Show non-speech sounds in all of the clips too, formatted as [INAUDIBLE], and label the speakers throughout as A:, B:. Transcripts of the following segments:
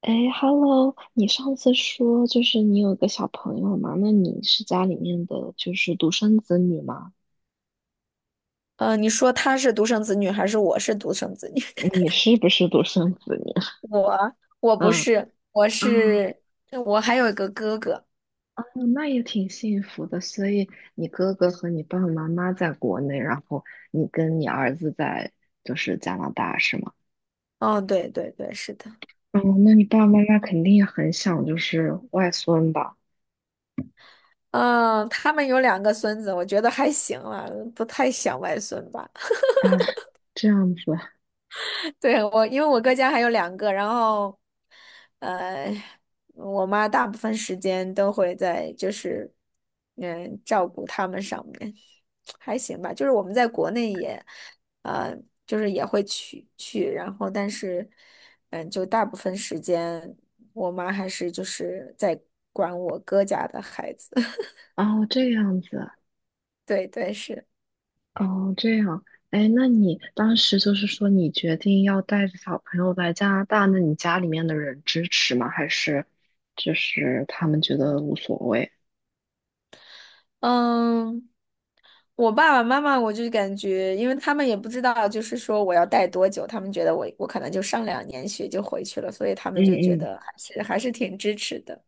A: 哎，Hello，你上次说就是你有个小朋友嘛？那你是家里面的就是独生子女吗？
B: 你说他是独生子女还是我是独生子女？
A: 嗯你是不是独生子女？
B: [LAUGHS] 我
A: [LAUGHS]
B: 不
A: 嗯。
B: 是，我
A: 啊。
B: 是我还有一个哥哥。
A: 嗯那也挺幸福的。所以你哥哥和你爸爸妈妈在国内，然后你跟你儿子在就是加拿大是吗？
B: 哦，对对对，是的。
A: 嗯，那你爸爸妈妈肯定也很想就是外孙吧？
B: 嗯，他们有两个孙子，我觉得还行了，不太想外孙吧。
A: 啊，这样子
B: [LAUGHS] 对，我，因为我哥家还有两个，然后，呃，我妈大部分时间都会在就是，嗯，照顾他们上面。还行吧，就是我们在国内也，呃，就是也会去，然后但是，嗯，就大部分时间，我妈还是就是在管我哥家的孩子。[LAUGHS]
A: 啊，哦这样子。
B: 对对是，
A: 哦，这样，哎，那你当时就是说你决定要带着小朋友来加拿大，那你家里面的人支持吗？还是就是他们觉得无所谓？
B: 嗯。我爸爸妈妈，我就感觉，因为他们也不知道，就是说我要待多久，他们觉得我可能就上两年学就回去了，所以他
A: 嗯
B: 们就觉
A: 嗯，
B: 得还是挺支持的。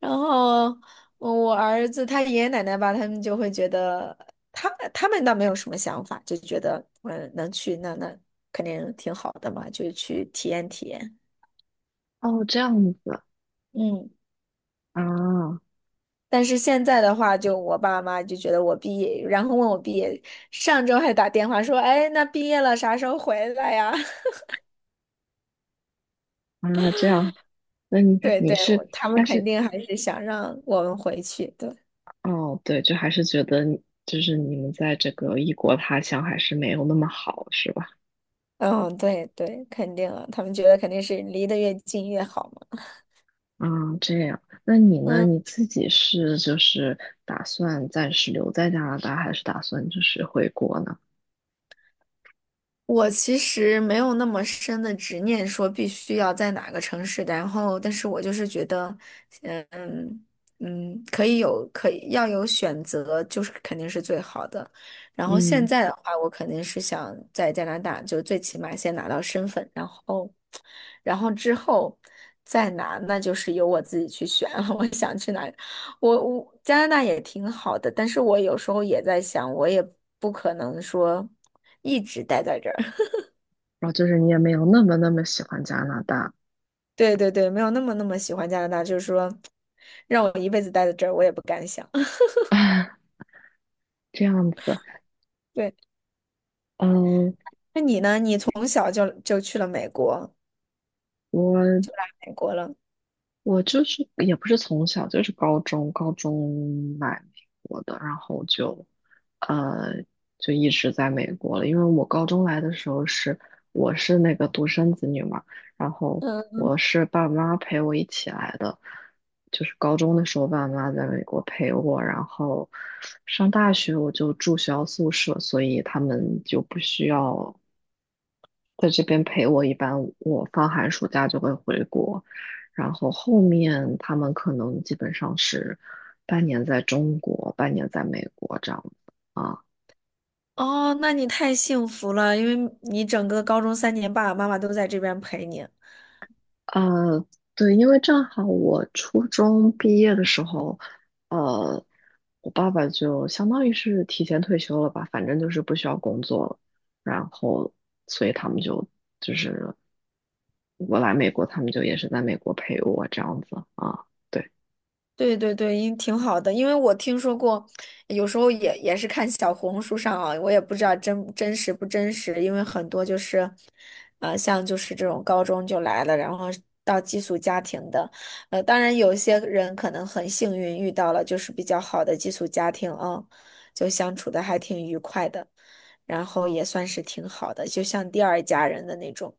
B: 然后我儿子他爷爷奶奶吧，他们就会觉得他他们倒没有什么想法，就觉得嗯能去那肯定挺好的嘛，就去体验体验。
A: 哦，这样子
B: 嗯。
A: 啊。
B: 但是现在的话，就我爸妈就觉得我毕业，然后问我毕业，上周还打电话说，哎，那毕业了啥时候回来呀？[LAUGHS]
A: 啊，这样，那你
B: 对
A: 你
B: 对，
A: 是，
B: 我他们
A: 但
B: 肯
A: 是
B: 定还是想让我们回去，对，
A: 哦，对，就还是觉得你就是你们在这个异国他乡还是没有那么好，是吧？
B: 嗯，对对，肯定啊，他们觉得肯定是离得越近越好嘛。
A: 啊，这样，那你呢？
B: 嗯。
A: 你自己是就是打算暂时留在加拿大，还是打算就是回国呢？
B: 我其实没有那么深的执念，说必须要在哪个城市，然后，但是我就是觉得，嗯可以有，可以要有选择，就是肯定是最好的。然后现
A: 嗯，
B: 在的话，我肯定是想在加拿大，就最起码先拿到身份，然后，然后之后再拿，那就是由我自己去选了 [LAUGHS] 我想去哪里我加拿大也挺好的，但是我有时候也在想，我也不可能说一直待在这儿。
A: 然后就是你也没有那么那么喜欢加拿大，
B: 对对对，没有那么那么喜欢加拿大，就是说让我一辈子待在这儿，我也不敢想。[LAUGHS]
A: [LAUGHS] 这样子。
B: 对，
A: 嗯，
B: 那你呢？你从小就去了美国。
A: 我我就是也不是从小，就是高中来美国的，然后就，呃，就一直在美国了。因为我高中来的时候是我是那个独生子女嘛，然后
B: 嗯，
A: 我是爸妈陪我一起来的，就是高中的时候爸妈在美国陪我，然后上大学我就住学校宿舍，所以他们就不需要。在这边陪我，一般我放寒暑假就会回国，然后后面他们可能基本上是半年在中国，半年在美国这样子啊。
B: 哦，那你太幸福了，因为你整个高中三年，爸爸妈妈都在这边陪你。
A: 呃，对，因为正好我初中毕业的时候，呃，我爸爸就相当于是提前退休了吧，反正就是不需要工作了，然后所以他们就是我来美国，他们就也是在美国陪我这样子啊。对。
B: 对对对，因挺好的，因为我听说过，有时候也也是看小红书上啊，我也不知道真真实不真实，因为很多就是，像就是这种高中就来了，然后到寄宿家庭的，当然有些人可能很幸运遇到了就是比较好的寄宿家庭啊，就相处的还挺愉快的，然后也算是挺好的，就像第二家人的那种。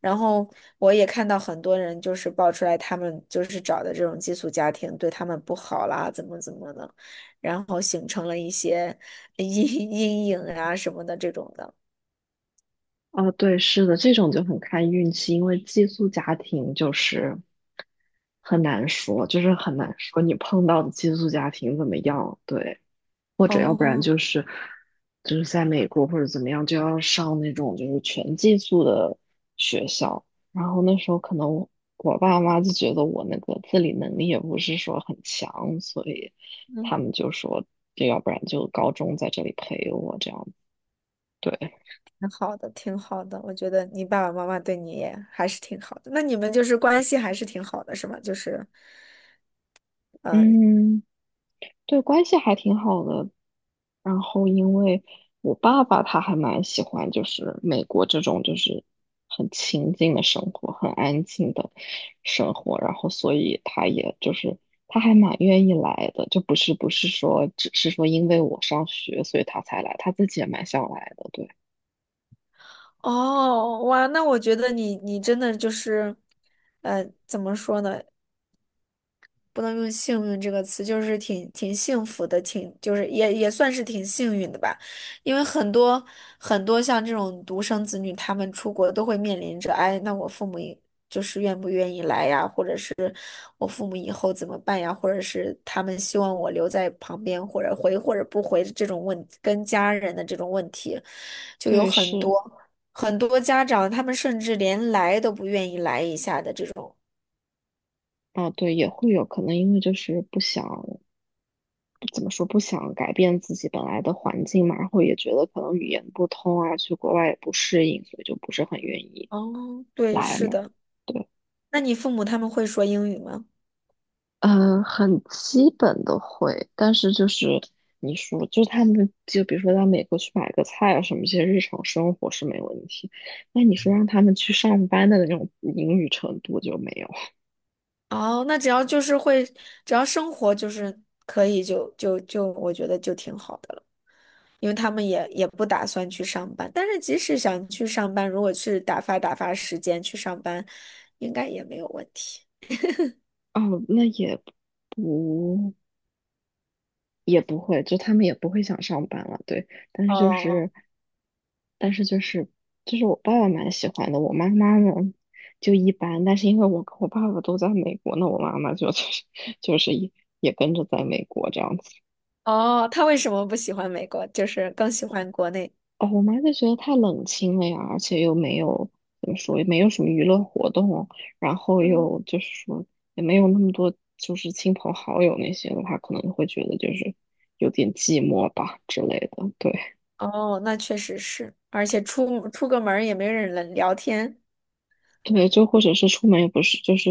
B: 然后我也看到很多人就是爆出来，他们就是找的这种寄宿家庭对他们不好啦，怎么怎么的，然后形成了一些阴 [LAUGHS] 阴影啊什么的这种的，
A: 啊，对，是的，这种就很看运气，因为寄宿家庭就是很难说，就是很难说你碰到的寄宿家庭怎么样，对，或者要不然
B: 哦，
A: 就是就是在美国或者怎么样，就要上那种就是全寄宿的学校，然后那时候可能我爸妈就觉得我那个自理能力也不是说很强，所以
B: 嗯，
A: 他们就说，就要不然就高中在这里陪我这样，对，
B: 挺好的，挺好的。我觉得你爸爸妈妈对你也还是挺好的，那你们就是关系还是挺好的，是吗？就是，嗯、
A: 嗯。对，关系还挺好的。然后因为我爸爸他还蛮喜欢，就是美国这种就是很清静的生活，很安静的生活，然后所以他也就是他还蛮愿意来的，就不是说只是说因为我上学所以他才来，他自己也蛮想来的，对
B: 哦，哇，那我觉得你你真的就是，呃，怎么说呢？不能用幸运这个词，就是挺挺幸福的，挺就是也也算是挺幸运的吧，因为很多像这种独生子女，他们出国都会面临着，哎，那我父母也就是愿不愿意来呀，或者是我父母以后怎么办呀，或者是他们希望我留在旁边，或者回或者不回这种问，跟家人的这种问题，就有
A: 对
B: 很多
A: 是，
B: 很多家长，他们甚至连来都不愿意来一下的这种。
A: 啊对，也会有可能因为就是不想。怎么说不想改变自己本来的环境嘛，然后也觉得可能语言不通啊，去国外也不适应，所以就不是很愿意
B: 哦，对，
A: 来
B: 是
A: 嘛。
B: 的。
A: 对，
B: 那你父母他们会说英语吗？
A: 很基本的会，但是就是你说，就是他们就比如说到美国去买个菜啊什么，这些日常生活是没问题。那你说让他们去上班的那种嗯英语程度就没有。
B: 哦，那只要就是会，只要生活就是可以就，就我觉得就挺好的了，因为他们也也不打算去上班。但是即使想去上班，如果去打发打发时间去上班，应该也没有问题。
A: 哦，那不也不会，就他们也不会想上班了，对。但是就
B: 哦
A: 是，但是就是，就是我爸爸蛮喜欢的，我妈妈呢就一般。但是因为我跟我爸爸都在美国，那我妈妈就 [LAUGHS] 就是也跟着在美国这样子。
B: 哦，他为什么不喜欢美国？就是更喜欢国内。
A: 哦，我妈就觉得太冷清了呀，而且又没有怎么说，也没有什么娱乐活动，然后
B: 嗯，
A: 又就是说也没有那么多就是亲朋好友那些的话，可能会觉得就是有点寂寞吧之类的，对。
B: 哦，那确实是，而且出个门儿也没人能聊天。
A: 对，就或者是出门也不是，就是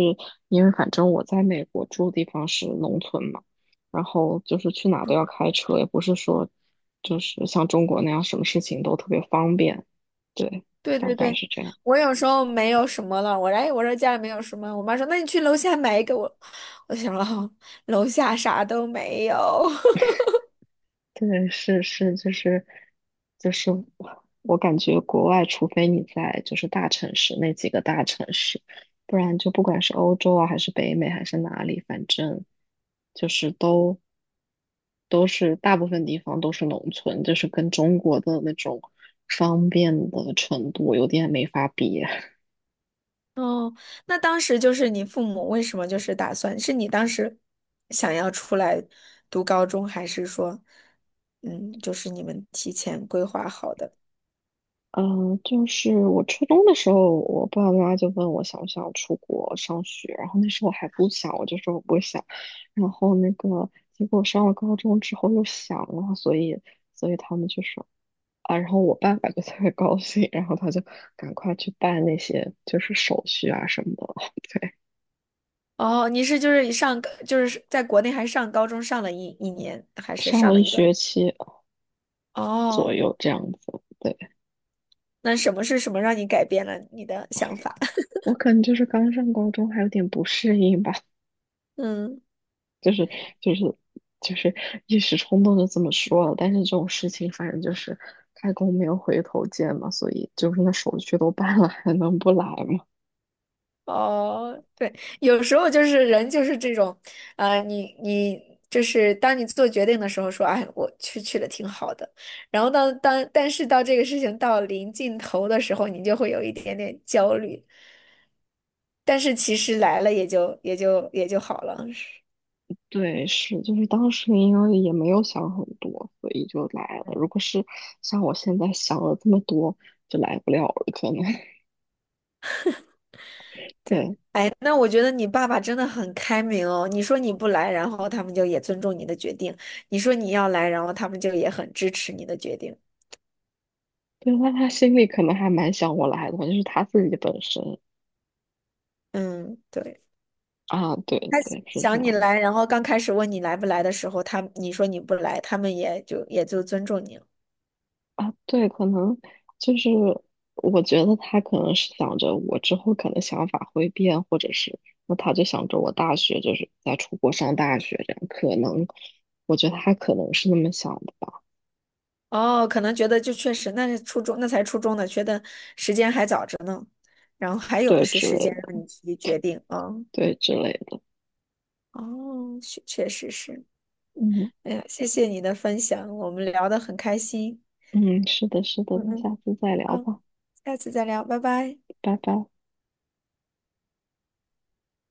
A: 因为反正我在美国住的地方是农村嘛，然后就是去哪都要开车，也不是说就是像中国那样什么事情都特别方便。对，
B: 对
A: 大
B: 对
A: 概
B: 对，
A: 是这样。
B: 我有时候没有什么了，我来我说家里没有什么，我妈说那你去楼下买一个我，我想哦，楼下啥都没有。
A: 对，是是，就是我感觉国外，除非你在就是大城市那几个大城市，不然就不管是欧洲啊，还是北美，还是哪里，反正就是都是大部分地方都是农村，就是跟中国的那种方便的程度有点没法比。
B: [LAUGHS] 哦，那当时就是你父母为什么就是打算，是你当时想要出来读高中，还是说，嗯，就是你们提前规划好的？
A: 就是我初中的时候，我爸爸妈妈就问我想不想出国上学，然后那时候我还不想，我就说我不想。然后那个结果上了高中之后又想了，所以他们就说啊，然后我爸爸就特别高兴，然后他就赶快去办那些就是手续啊什么的，[LAUGHS] 对，
B: 哦，你是就是上就是在国内还上高中上了一年，还是
A: 上
B: 上
A: 了
B: 了
A: 一
B: 一段？
A: 学期左
B: 哦，
A: 右这样子。对。
B: 那什么是什么让你改变了你的想法？
A: 我可能就是刚上高中，还有点不适应吧，
B: [LAUGHS] 嗯。
A: 就是就是就是一时冲动就这么说了。但是这种事情，反正就是开弓没有回头箭嘛，所以就是那手续都办了，还能不来吗？
B: 哦，对，有时候就是人就是这种，呃，你你就是当你做决定的时候说，哎，我去的挺好的，然后当当但是到这个事情到临尽头的时候，你就会有一点点焦虑，但是其实来了也就好了。
A: [LAUGHS] 对，是，就是当时因为也没有想很多，所以就来了。
B: 嗯，
A: 如果是像我现在想了这么多，就来不了了，可能。[LAUGHS]
B: 对，
A: 对
B: 那我觉得你爸爸真的很开明哦。你说你不来，然后他们就也尊重你的决定；你说你要来，然后他们就也很支持你的决定。
A: 对，那他心里可能还蛮想我来的，就是他自己本身
B: 嗯，对。
A: 啊，对
B: 他
A: 对，是这
B: 想你
A: 样的。
B: 来，然后刚开始问你来不来的时候，他你说你不来，他们也就尊重你了。
A: 啊，对，可能就是我觉得他可能是想着我之后可能想法会变，或者是那他就想着我大学就是在出国上大学这样，可能我觉得他可能是那么想的吧，
B: 哦，可能觉得就确实那是初中，那才初中呢，觉得时间还早着呢，然后还有的
A: 对
B: 是
A: 之类
B: 时间让你
A: 的，
B: 自己决定啊。
A: 对之类的，
B: 哦，确确实是。
A: 嗯
B: 哎呀，谢谢你的分享，我们聊得很开心。
A: 嗯，是的，是的，
B: 嗯
A: 那
B: 嗯，
A: 下次再聊
B: 好，
A: 吧，
B: 下次再聊，拜拜。
A: 拜拜。